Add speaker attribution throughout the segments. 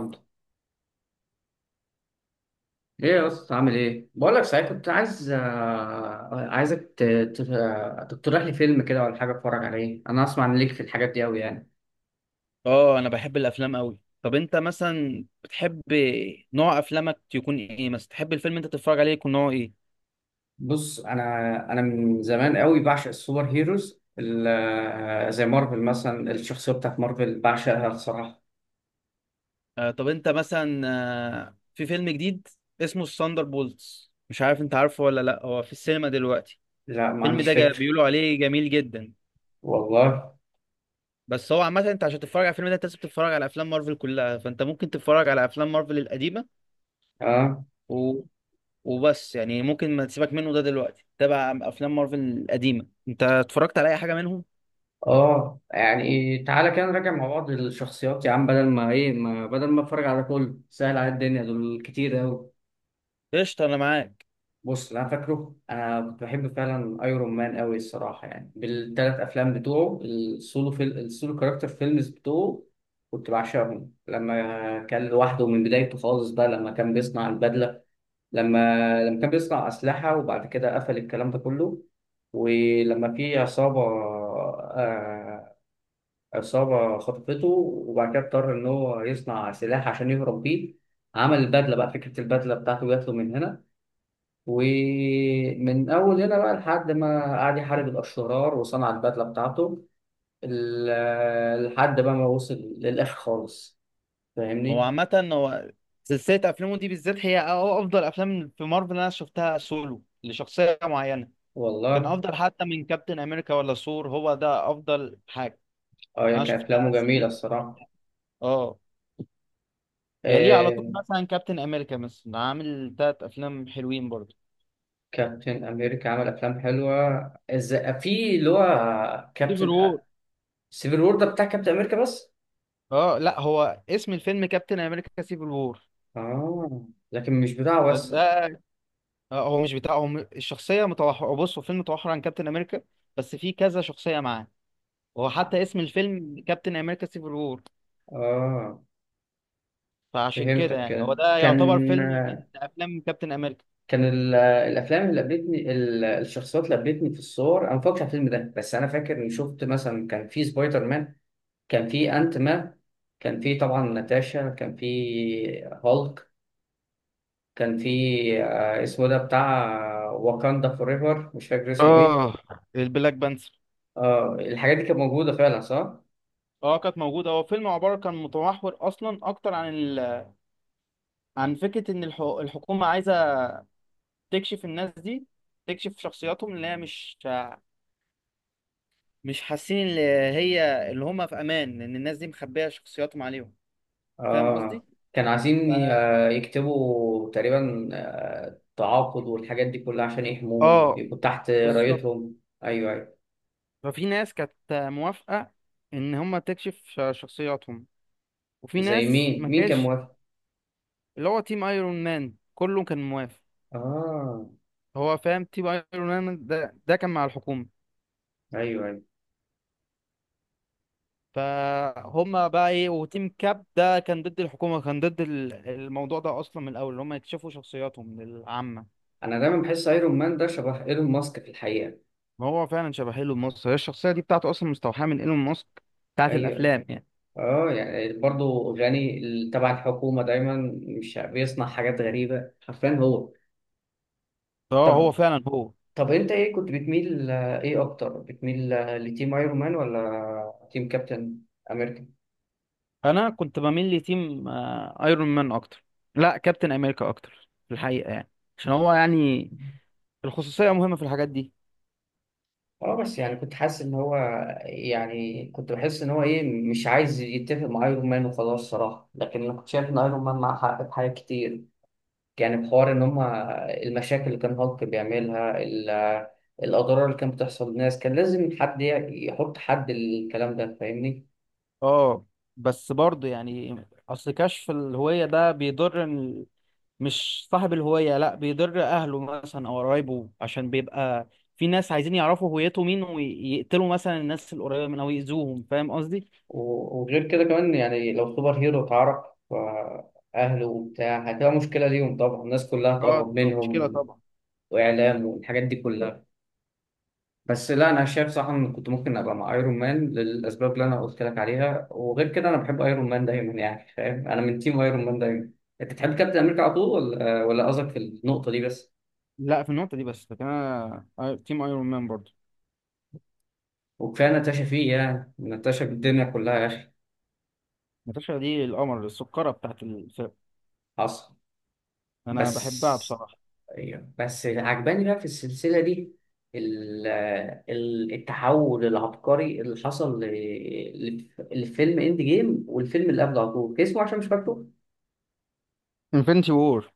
Speaker 1: الحمد. ايه يا اسطى عامل ايه؟ بقول لك صحيح، كنت عايزك تقترح لي فيلم كده ولا حاجه اتفرج عليه. انا اسمع ان ليك في الحاجات دي قوي يعني.
Speaker 2: اه انا بحب الافلام قوي. طب انت مثلا بتحب نوع افلامك يكون ايه؟ مثلا تحب الفيلم انت تتفرج عليه يكون نوعه ايه؟
Speaker 1: بص انا من زمان قوي بعشق السوبر هيروز زي مارفل مثلا. الشخصيه بتاعت مارفل بعشقها الصراحه.
Speaker 2: طب انت مثلا في فيلم جديد اسمه الثاندر بولتس، مش عارف انت عارفه ولا لا، هو في السينما دلوقتي.
Speaker 1: لا، ما
Speaker 2: الفيلم
Speaker 1: عنديش
Speaker 2: ده
Speaker 1: فكر.
Speaker 2: بيقولوا عليه جميل جدا.
Speaker 1: والله.
Speaker 2: بس هو عامه انت عشان تتفرج على الفيلم ده انت لازم تتفرج على افلام مارفل كلها، فانت ممكن تتفرج على افلام مارفل القديمه
Speaker 1: اه.
Speaker 2: و... وبس، يعني ممكن ما تسيبك منه ده دلوقتي، تابع افلام مارفل القديمه. انت اتفرجت على اي حاجه منهم؟
Speaker 1: اه يعني تعالى كده نراجع مع بعض الشخصيات يا عم، بدل ما ايه ما بدل ما اتفرج على كله، سهل على الدنيا دول كتير قوي.
Speaker 2: قشطه، انا معاك.
Speaker 1: بص اللي انا فاكره، انا كنت بحب فعلا ايرون مان قوي الصراحه، يعني بالثلاث افلام بتوعه، السولو كاركتر فيلمز بتوعه. كنت بعشقهم لما كان لوحده من بدايته خالص بقى، لما كان بيصنع البدله. لما لما كان بيصنع اسلحه وبعد كده قفل الكلام ده كله. ولما في عصابه خطفته، وبعد كده اضطر ان هو يصنع سلاح عشان يهرب بيه. عمل البدله بقى، فكره البدله بتاعته جات له من هنا. ومن أول هنا بقى لحد ما قعد يحارب الأشرار وصنع البدلة بتاعته، لحد بقى ما وصل للآخر خالص.
Speaker 2: هو
Speaker 1: فاهمني؟
Speaker 2: عامة هو سلسلة أفلامه دي بالذات هي أفضل أفلام في مارفل أنا شفتها سولو لشخصية معينة. كان
Speaker 1: والله.
Speaker 2: أفضل حتى من كابتن أمريكا ولا ثور، هو ده أفضل حاجة
Speaker 1: أه، هي
Speaker 2: أنا
Speaker 1: كان
Speaker 2: شفتها
Speaker 1: أفلامه جميلة
Speaker 2: سلسلة
Speaker 1: الصراحة.
Speaker 2: أفلام. أه. يليه على طول
Speaker 1: إيه.
Speaker 2: مثلا كابتن أمريكا، مثلا عامل تلات أفلام حلوين برضه.
Speaker 1: كابتن أمريكا عمل أفلام حلوة. إزاي؟ في اللي هو
Speaker 2: سيفل
Speaker 1: كابتن.
Speaker 2: وور.
Speaker 1: سيفل وور ده بتاع كابتن أمريكا بس؟
Speaker 2: أه لا، هو اسم الفيلم كابتن أمريكا سيفل وور.
Speaker 1: آه، لكن مش بتاع وسع.
Speaker 2: ده هو مش بتاع، الشخصية متوحرة، بص هو فيلم متوحر عن كابتن أمريكا، بس في كذا شخصية معاه. هو حتى اسم الفيلم كابتن امريكا سيفل وور،
Speaker 1: آه.
Speaker 2: فعشان كده
Speaker 1: فهمتك.
Speaker 2: يعني
Speaker 1: كده
Speaker 2: هو ده يعتبر
Speaker 1: كان
Speaker 2: فيلم من افلام كابتن امريكا.
Speaker 1: كان ال- الافلام اللي قابلتني ال- الشخصيات اللي قابلتني في الصور انا ما فاكرش على الفيلم ده، بس انا فاكر اني شفت مثلا، كان في سبايدر مان، كان في انت مان، كان في طبعا ناتاشا، كان في هالك، كان في اسمه ده بتاع واكاندا فور ايفر، مش فاكر اسمه ايه.
Speaker 2: اه البلاك بانثر.
Speaker 1: اه الحاجات دي كانت موجوده فعلا، صح.
Speaker 2: اه كانت موجودة. هو فيلم عبارة كان متمحور أصلا أكتر عن فكرة إن الحكومة عايزة تكشف الناس دي، تكشف شخصياتهم اللي هي مش حاسين اللي هي اللي هم في أمان، لأن الناس دي مخبية شخصياتهم عليهم. فاهم قصدي؟
Speaker 1: اه. كان عايزين
Speaker 2: ف...
Speaker 1: يكتبوا تقريبا تعاقد والحاجات دي كلها عشان يحموهم
Speaker 2: اه
Speaker 1: يبقوا تحت
Speaker 2: بالظبط.
Speaker 1: رايتهم. ايوه ايوه.
Speaker 2: ففي ناس كانت موافقة إن هم تكشف شخصياتهم، وفي
Speaker 1: زي
Speaker 2: ناس
Speaker 1: مين؟
Speaker 2: ما
Speaker 1: مين كان
Speaker 2: كانش.
Speaker 1: موافق؟
Speaker 2: اللي هو تيم ايرون مان كله كان موافق.
Speaker 1: اه.
Speaker 2: هو فاهم تيم ايرون مان ده كان مع الحكومة،
Speaker 1: ايوه ايوه.
Speaker 2: فهم بقى ايه. وتيم كاب ده كان ضد الحكومة، كان ضد الموضوع ده اصلا من الاول ان هم يكشفوا شخصياتهم للعامة.
Speaker 1: انا دايما بحس ايرون مان ده شبه ايلون ماسك في الحقيقه.
Speaker 2: ما هو فعلا شبه ايلون ماسك، هي الشخصية دي بتاعته اصلا مستوحاة من ايلون ماسك، بتاعت
Speaker 1: ايوه.
Speaker 2: الافلام يعني.
Speaker 1: اه يعني برضه غني تبع الحكومه دايما، مش بيصنع حاجات غريبه حرفيا هو.
Speaker 2: اه هو
Speaker 1: طب
Speaker 2: فعلا هو.
Speaker 1: طب انت ايه، كنت بتميل ايه اكتر، بتميل لتيم ايرون مان ولا تيم كابتن امريكا؟
Speaker 2: انا كنت بميل لتيم آه، ايرون مان اكتر. لا كابتن امريكا اكتر في الحقيقة يعني، عشان هو يعني الخصوصية مهمة في الحاجات دي.
Speaker 1: اه بس يعني كنت حاسس ان هو، يعني كنت بحس ان هو ايه مش عايز يتفق مع ايرون مان وخلاص صراحه، لكن انا كنت شايف ان ايرون مان معاه حق في حاجات كتير. يعني بحوار إن هما، المشاكل اللي كان هالك بيعملها، الأضرار اللي كانت بتحصل للناس، كان لازم حد يحط حد للكلام ده فاهمني.
Speaker 2: اه بس برضه يعني اصل كشف الهوية ده بيضر مش صاحب الهوية، لا بيضر اهله مثلا او قرايبه، عشان بيبقى في ناس عايزين يعرفوا هويته مين ويقتلوا مثلا الناس القريبة منه او يأذوهم. فاهم قصدي؟
Speaker 1: وغير كده كمان، يعني لو سوبر هيرو اتعرف أهله وبتاع، هتبقى مشكلة ليهم طبعا، الناس كلها
Speaker 2: اه
Speaker 1: هتقرب
Speaker 2: تبقى مشكلة
Speaker 1: منهم.
Speaker 2: طبعا.
Speaker 1: وإعلام والحاجات دي كلها. بس لا، أنا شايف صراحة إن كنت ممكن أبقى مع أيرون مان للأسباب اللي أنا قلت لك عليها، وغير كده أنا بحب أيرون مان دايما يعني، فاهم؟ أنا من تيم أيرون مان دايما. أنت بتحب كابتن أمريكا على طول ولا قصدك في النقطة دي بس؟
Speaker 2: لا في النقطة دي بس، لكن انا تيم ايرون مان برضه.
Speaker 1: وكفايه نتاشا فيه، يعني نتاشا بالدنيا كلها يا اخي.
Speaker 2: ناتاشا دي القمر السكرة بتاعت الفرق،
Speaker 1: حصل.
Speaker 2: انا بحبها
Speaker 1: بس
Speaker 2: بصراحة.
Speaker 1: أيوة. بس عجباني بقى في السلسله دي ال- التحول العبقري اللي حصل لفيلم اند جيم، والفيلم اللي قبله على طول اسمه عشان مش فاكره.
Speaker 2: انفينيتي وور.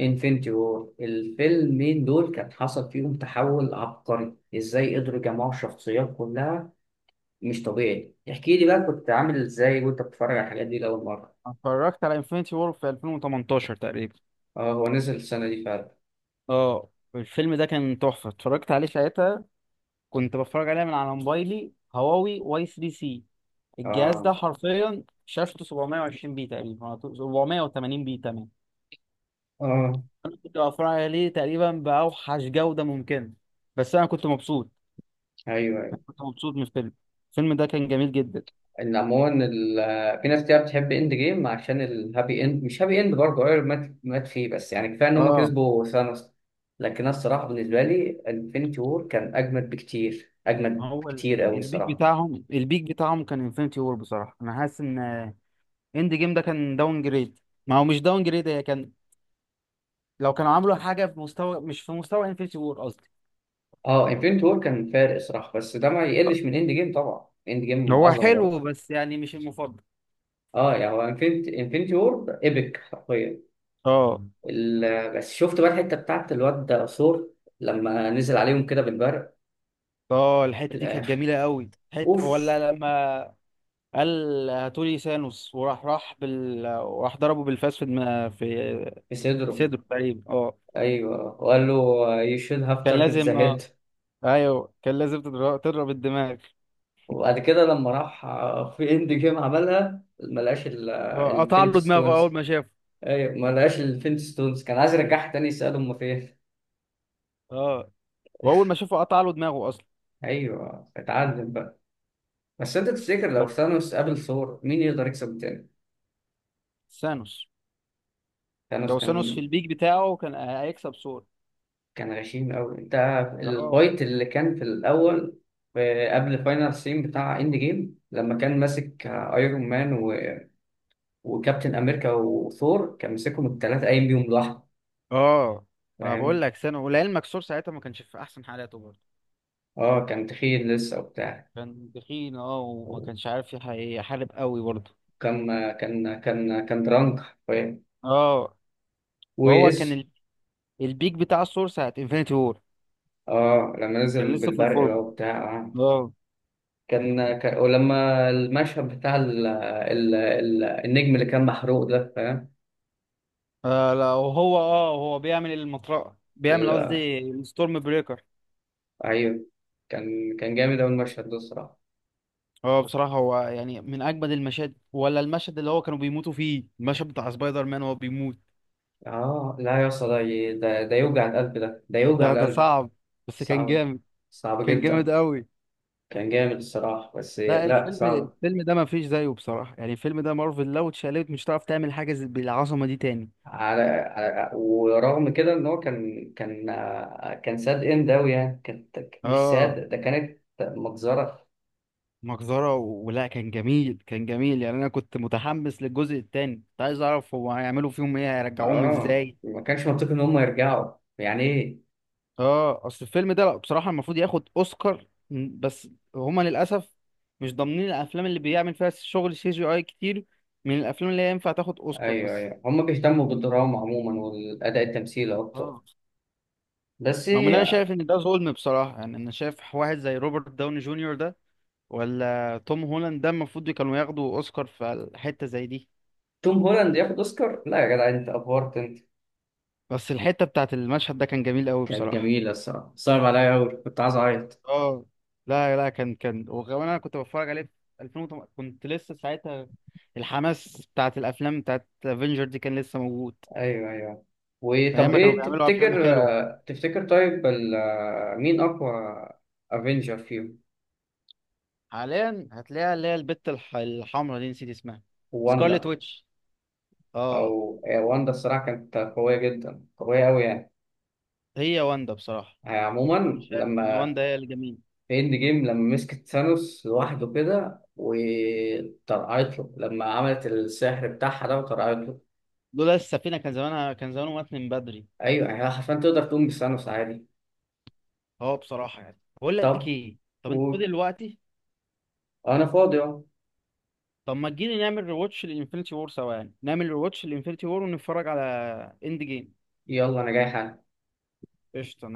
Speaker 1: انفينيتي وور. الفيلمين دول كان حصل فيهم تحول عبقري، ازاي قدروا يجمعوا الشخصيات كلها؟ مش طبيعي. احكي لي بقى، كنت عامل ازاي وانت بتتفرج على الحاجات دي لاول مره؟
Speaker 2: اتفرجت على انفينيتي وور في 2018 تقريبا.
Speaker 1: اه هو نزل السنه دي فعلا.
Speaker 2: اه الفيلم ده كان تحفة، اتفرجت عليه ساعتها. كنت بتفرج عليها من على موبايلي هواوي واي 3 سي. الجهاز
Speaker 1: اه.
Speaker 2: ده حرفيا شاشته 720 بي تقريبا أو 780 بي، تمام.
Speaker 1: اه.
Speaker 2: انا كنت بتفرج عليه تقريبا باوحش جودة ممكنة، بس انا كنت مبسوط،
Speaker 1: ايوه ايوه.
Speaker 2: كنت مبسوط من الفيلم. الفيلم ده كان جميل جدا.
Speaker 1: ان عموما في ناس كتير بتحب اند جيم عشان الهابي اند، مش هابي اند برضه، ايرون مات فيه، بس يعني كفايه ان هم
Speaker 2: اه
Speaker 1: كسبوا ثانوس. لكن انا الصراحه بالنسبه لي انفينيتي وور كان اجمد بكتير، اجمد
Speaker 2: هو
Speaker 1: بكتير قوي
Speaker 2: البيك
Speaker 1: الصراحه.
Speaker 2: بتاعهم، البيك بتاعهم كان انفينيتي وور. بصراحة انا حاسس ان اند جيم ده كان داون جريد. ما هو مش داون جريد، هي كان لو كانوا عملوا حاجة في مستوى، مش في مستوى انفينيتي وور قصدي.
Speaker 1: اه انفينيتي وور كان فارق الصراحه، بس ده ما يقلش من اند جيم، طبعا اند جيم
Speaker 2: هو
Speaker 1: عظمه
Speaker 2: حلو
Speaker 1: برضه.
Speaker 2: بس يعني مش المفضل.
Speaker 1: اه يعني هو انفينيتي وور ايبك حرفيا.
Speaker 2: اه.
Speaker 1: بس شفت بقى الحته بتاعت الواد ده ثور لما نزل عليهم كده بالبرق
Speaker 2: اه
Speaker 1: في
Speaker 2: الحته دي كانت
Speaker 1: الاخر.
Speaker 2: جميله قوي. حته
Speaker 1: اوف.
Speaker 2: ولا لما قال هاتولي سانوس وراح، راح بال وراح ضربه بالفاس في دماغ، في
Speaker 1: في صدره.
Speaker 2: صدره تقريبا. اه
Speaker 1: ايوه، وقال له you should have
Speaker 2: كان
Speaker 1: target the
Speaker 2: لازم
Speaker 1: head.
Speaker 2: اه، ايوه كان لازم تضرب، تضرب الدماغ.
Speaker 1: وبعد كده لما راح في اند جيم عملها ما لقاش
Speaker 2: اه قطع
Speaker 1: الفينيتي
Speaker 2: له دماغه اول
Speaker 1: ستونز.
Speaker 2: ما شافه.
Speaker 1: ايوه ما لقاش الفينيتي ستونز، كان عايز يرجعها تاني يسأله هما فين.
Speaker 2: اه واول ما شافه قطع له دماغه اصلا.
Speaker 1: ايوه، اتعلم بقى. بس انت تفتكر لو
Speaker 2: بس
Speaker 1: ثانوس قابل ثور مين يقدر يكسب تاني؟
Speaker 2: سانوس
Speaker 1: ثانوس.
Speaker 2: لو سانوس في
Speaker 1: كان
Speaker 2: البيك بتاعه كان هيكسب سور.
Speaker 1: كان غشيم قوي انت،
Speaker 2: اه.
Speaker 1: الفايت اللي كان في الاول، قبل فاينل سين بتاع اند جيم، لما كان ماسك ايرون مان وكابتن امريكا وثور، كان مسكهم الثلاثه قايم بيهم لوحده
Speaker 2: اه ما بقول
Speaker 1: فاهم.
Speaker 2: لك سانوس، ولعلمك سور ساعتها ما كانش في احسن حالاته برضه.
Speaker 1: اه كان تخين لسه وبتاع.
Speaker 2: كان تخين اه، وما كانش عارف يحارب قوي برضه.
Speaker 1: وكان كان كان كان درانك فاهم.
Speaker 2: اه فهو كان
Speaker 1: وايش.
Speaker 2: البيك بتاع الثور ساعة انفينيتي وور،
Speaker 1: اه لما
Speaker 2: كان
Speaker 1: نزل
Speaker 2: لسه في
Speaker 1: بالبرق بقى
Speaker 2: الفورم.
Speaker 1: وبتاع آه.
Speaker 2: اه.
Speaker 1: كان ولما المشهد بتاع النجم اللي كان محروق ده فاهم.
Speaker 2: لا وهو اه هو بيعمل المطرقة، بيعمل
Speaker 1: ال...
Speaker 2: قصدي الستورم بريكر.
Speaker 1: ايوه. كان جامد أوي المشهد ده الصراحه.
Speaker 2: اه بصراحة هو يعني من أجمد المشاهد، ولا المشهد اللي هو كانوا بيموتوا فيه، المشهد بتاع سبايدر مان وهو بيموت.
Speaker 1: اه لا يا اسطى، ده يوجع القلب، ده يوجع
Speaker 2: ده ده
Speaker 1: القلب.
Speaker 2: صعب، بس كان
Speaker 1: صعب.
Speaker 2: جامد،
Speaker 1: صعب
Speaker 2: كان جامد
Speaker 1: جدا.
Speaker 2: قوي.
Speaker 1: كان جامد الصراحة، بس
Speaker 2: لا
Speaker 1: لا
Speaker 2: الفيلم،
Speaker 1: صعب.
Speaker 2: الفيلم ده ما فيش زيه بصراحة. يعني الفيلم ده مارفل لو اتشقلبت مش هتعرف تعمل حاجة بالعظمة دي تاني.
Speaker 1: على ورغم كده ان هو كان ساد اند اوي يعني، كانت مش
Speaker 2: اه
Speaker 1: ساد ده، كانت مجزرة.
Speaker 2: مجزرة ولا كان جميل، كان جميل يعني. انا كنت متحمس للجزء التاني، كنت عايز اعرف هو هيعملوا فيهم ايه، هيرجعوهم
Speaker 1: اه
Speaker 2: ازاي.
Speaker 1: ما كانش منطقي ان هم يرجعوا يعني، ايه.
Speaker 2: اه اصل الفيلم ده لأ، بصراحة المفروض ياخد اوسكار م، بس هما للاسف مش ضامنين الافلام اللي بيعمل فيها شغل سي جي اي كتير من الافلام اللي هي ينفع تاخد اوسكار
Speaker 1: ايوه
Speaker 2: بس.
Speaker 1: ايوه هم بيهتموا بالدراما عموما والاداء التمثيلي اكتر.
Speaker 2: اه.
Speaker 1: بس.
Speaker 2: رغم ان انا شايف ان ده ظلم بصراحة، يعني انا شايف واحد زي روبرت داوني جونيور ده ولا توم هولاند ده المفروض كانوا ياخدوا اوسكار في حتة زي دي.
Speaker 1: توم هولاند ياخد اوسكار؟ لا يا جدع، انت افورت انت.
Speaker 2: بس الحتة بتاعت المشهد ده كان جميل قوي
Speaker 1: كانت
Speaker 2: بصراحة.
Speaker 1: جميلة الصراحة، صعب عليا اوي، كنت عايز اعيط.
Speaker 2: اه. لا كان وكمان انا كنت بتفرج عليه في 2008، كنت لسه ساعتها الحماس بتاعت الافلام بتاعت افنجر دي كان لسه موجود.
Speaker 1: ايوه ايوه.
Speaker 2: ايام
Speaker 1: وطب
Speaker 2: ما كانوا
Speaker 1: ايه
Speaker 2: بيعملوا
Speaker 1: تفتكر؟
Speaker 2: افلام حلوه.
Speaker 1: تفتكر طيب مين اقوى افنجر فيهم؟
Speaker 2: حاليا هتلاقيها اللي هي البت الحمراء دي، نسيت اسمها. سكارلت
Speaker 1: واندا.
Speaker 2: ويتش. اه
Speaker 1: او آه، واندا الصراحه كانت قويه جدا، قويه قوي يعني.
Speaker 2: هي واندا بصراحه،
Speaker 1: عموما
Speaker 2: مش شايف ان
Speaker 1: لما
Speaker 2: واندا هي الجميل.
Speaker 1: في اند جيم لما مسكت ثانوس لوحده كده وطرقعت له، لما عملت السحر بتاعها ده وطرقعت له.
Speaker 2: لولا السفينه كان زمانه مات من بدري.
Speaker 1: ايوه يعني هي حرفيا تقدر تقوم بثانوس عادي.
Speaker 2: اه بصراحه، يعني بقول لك
Speaker 1: طب.
Speaker 2: ايه، طب انت فاضي
Speaker 1: قول.
Speaker 2: دلوقتي؟
Speaker 1: انا فاضي اهو.
Speaker 2: طب ما تجيلي نعمل ريواتش لانفينيتي وور سوا، يعني نعمل ريواتش لانفينيتي وور ونتفرج على اند جيم.
Speaker 1: يلا انا جاي حالا.
Speaker 2: قشطة.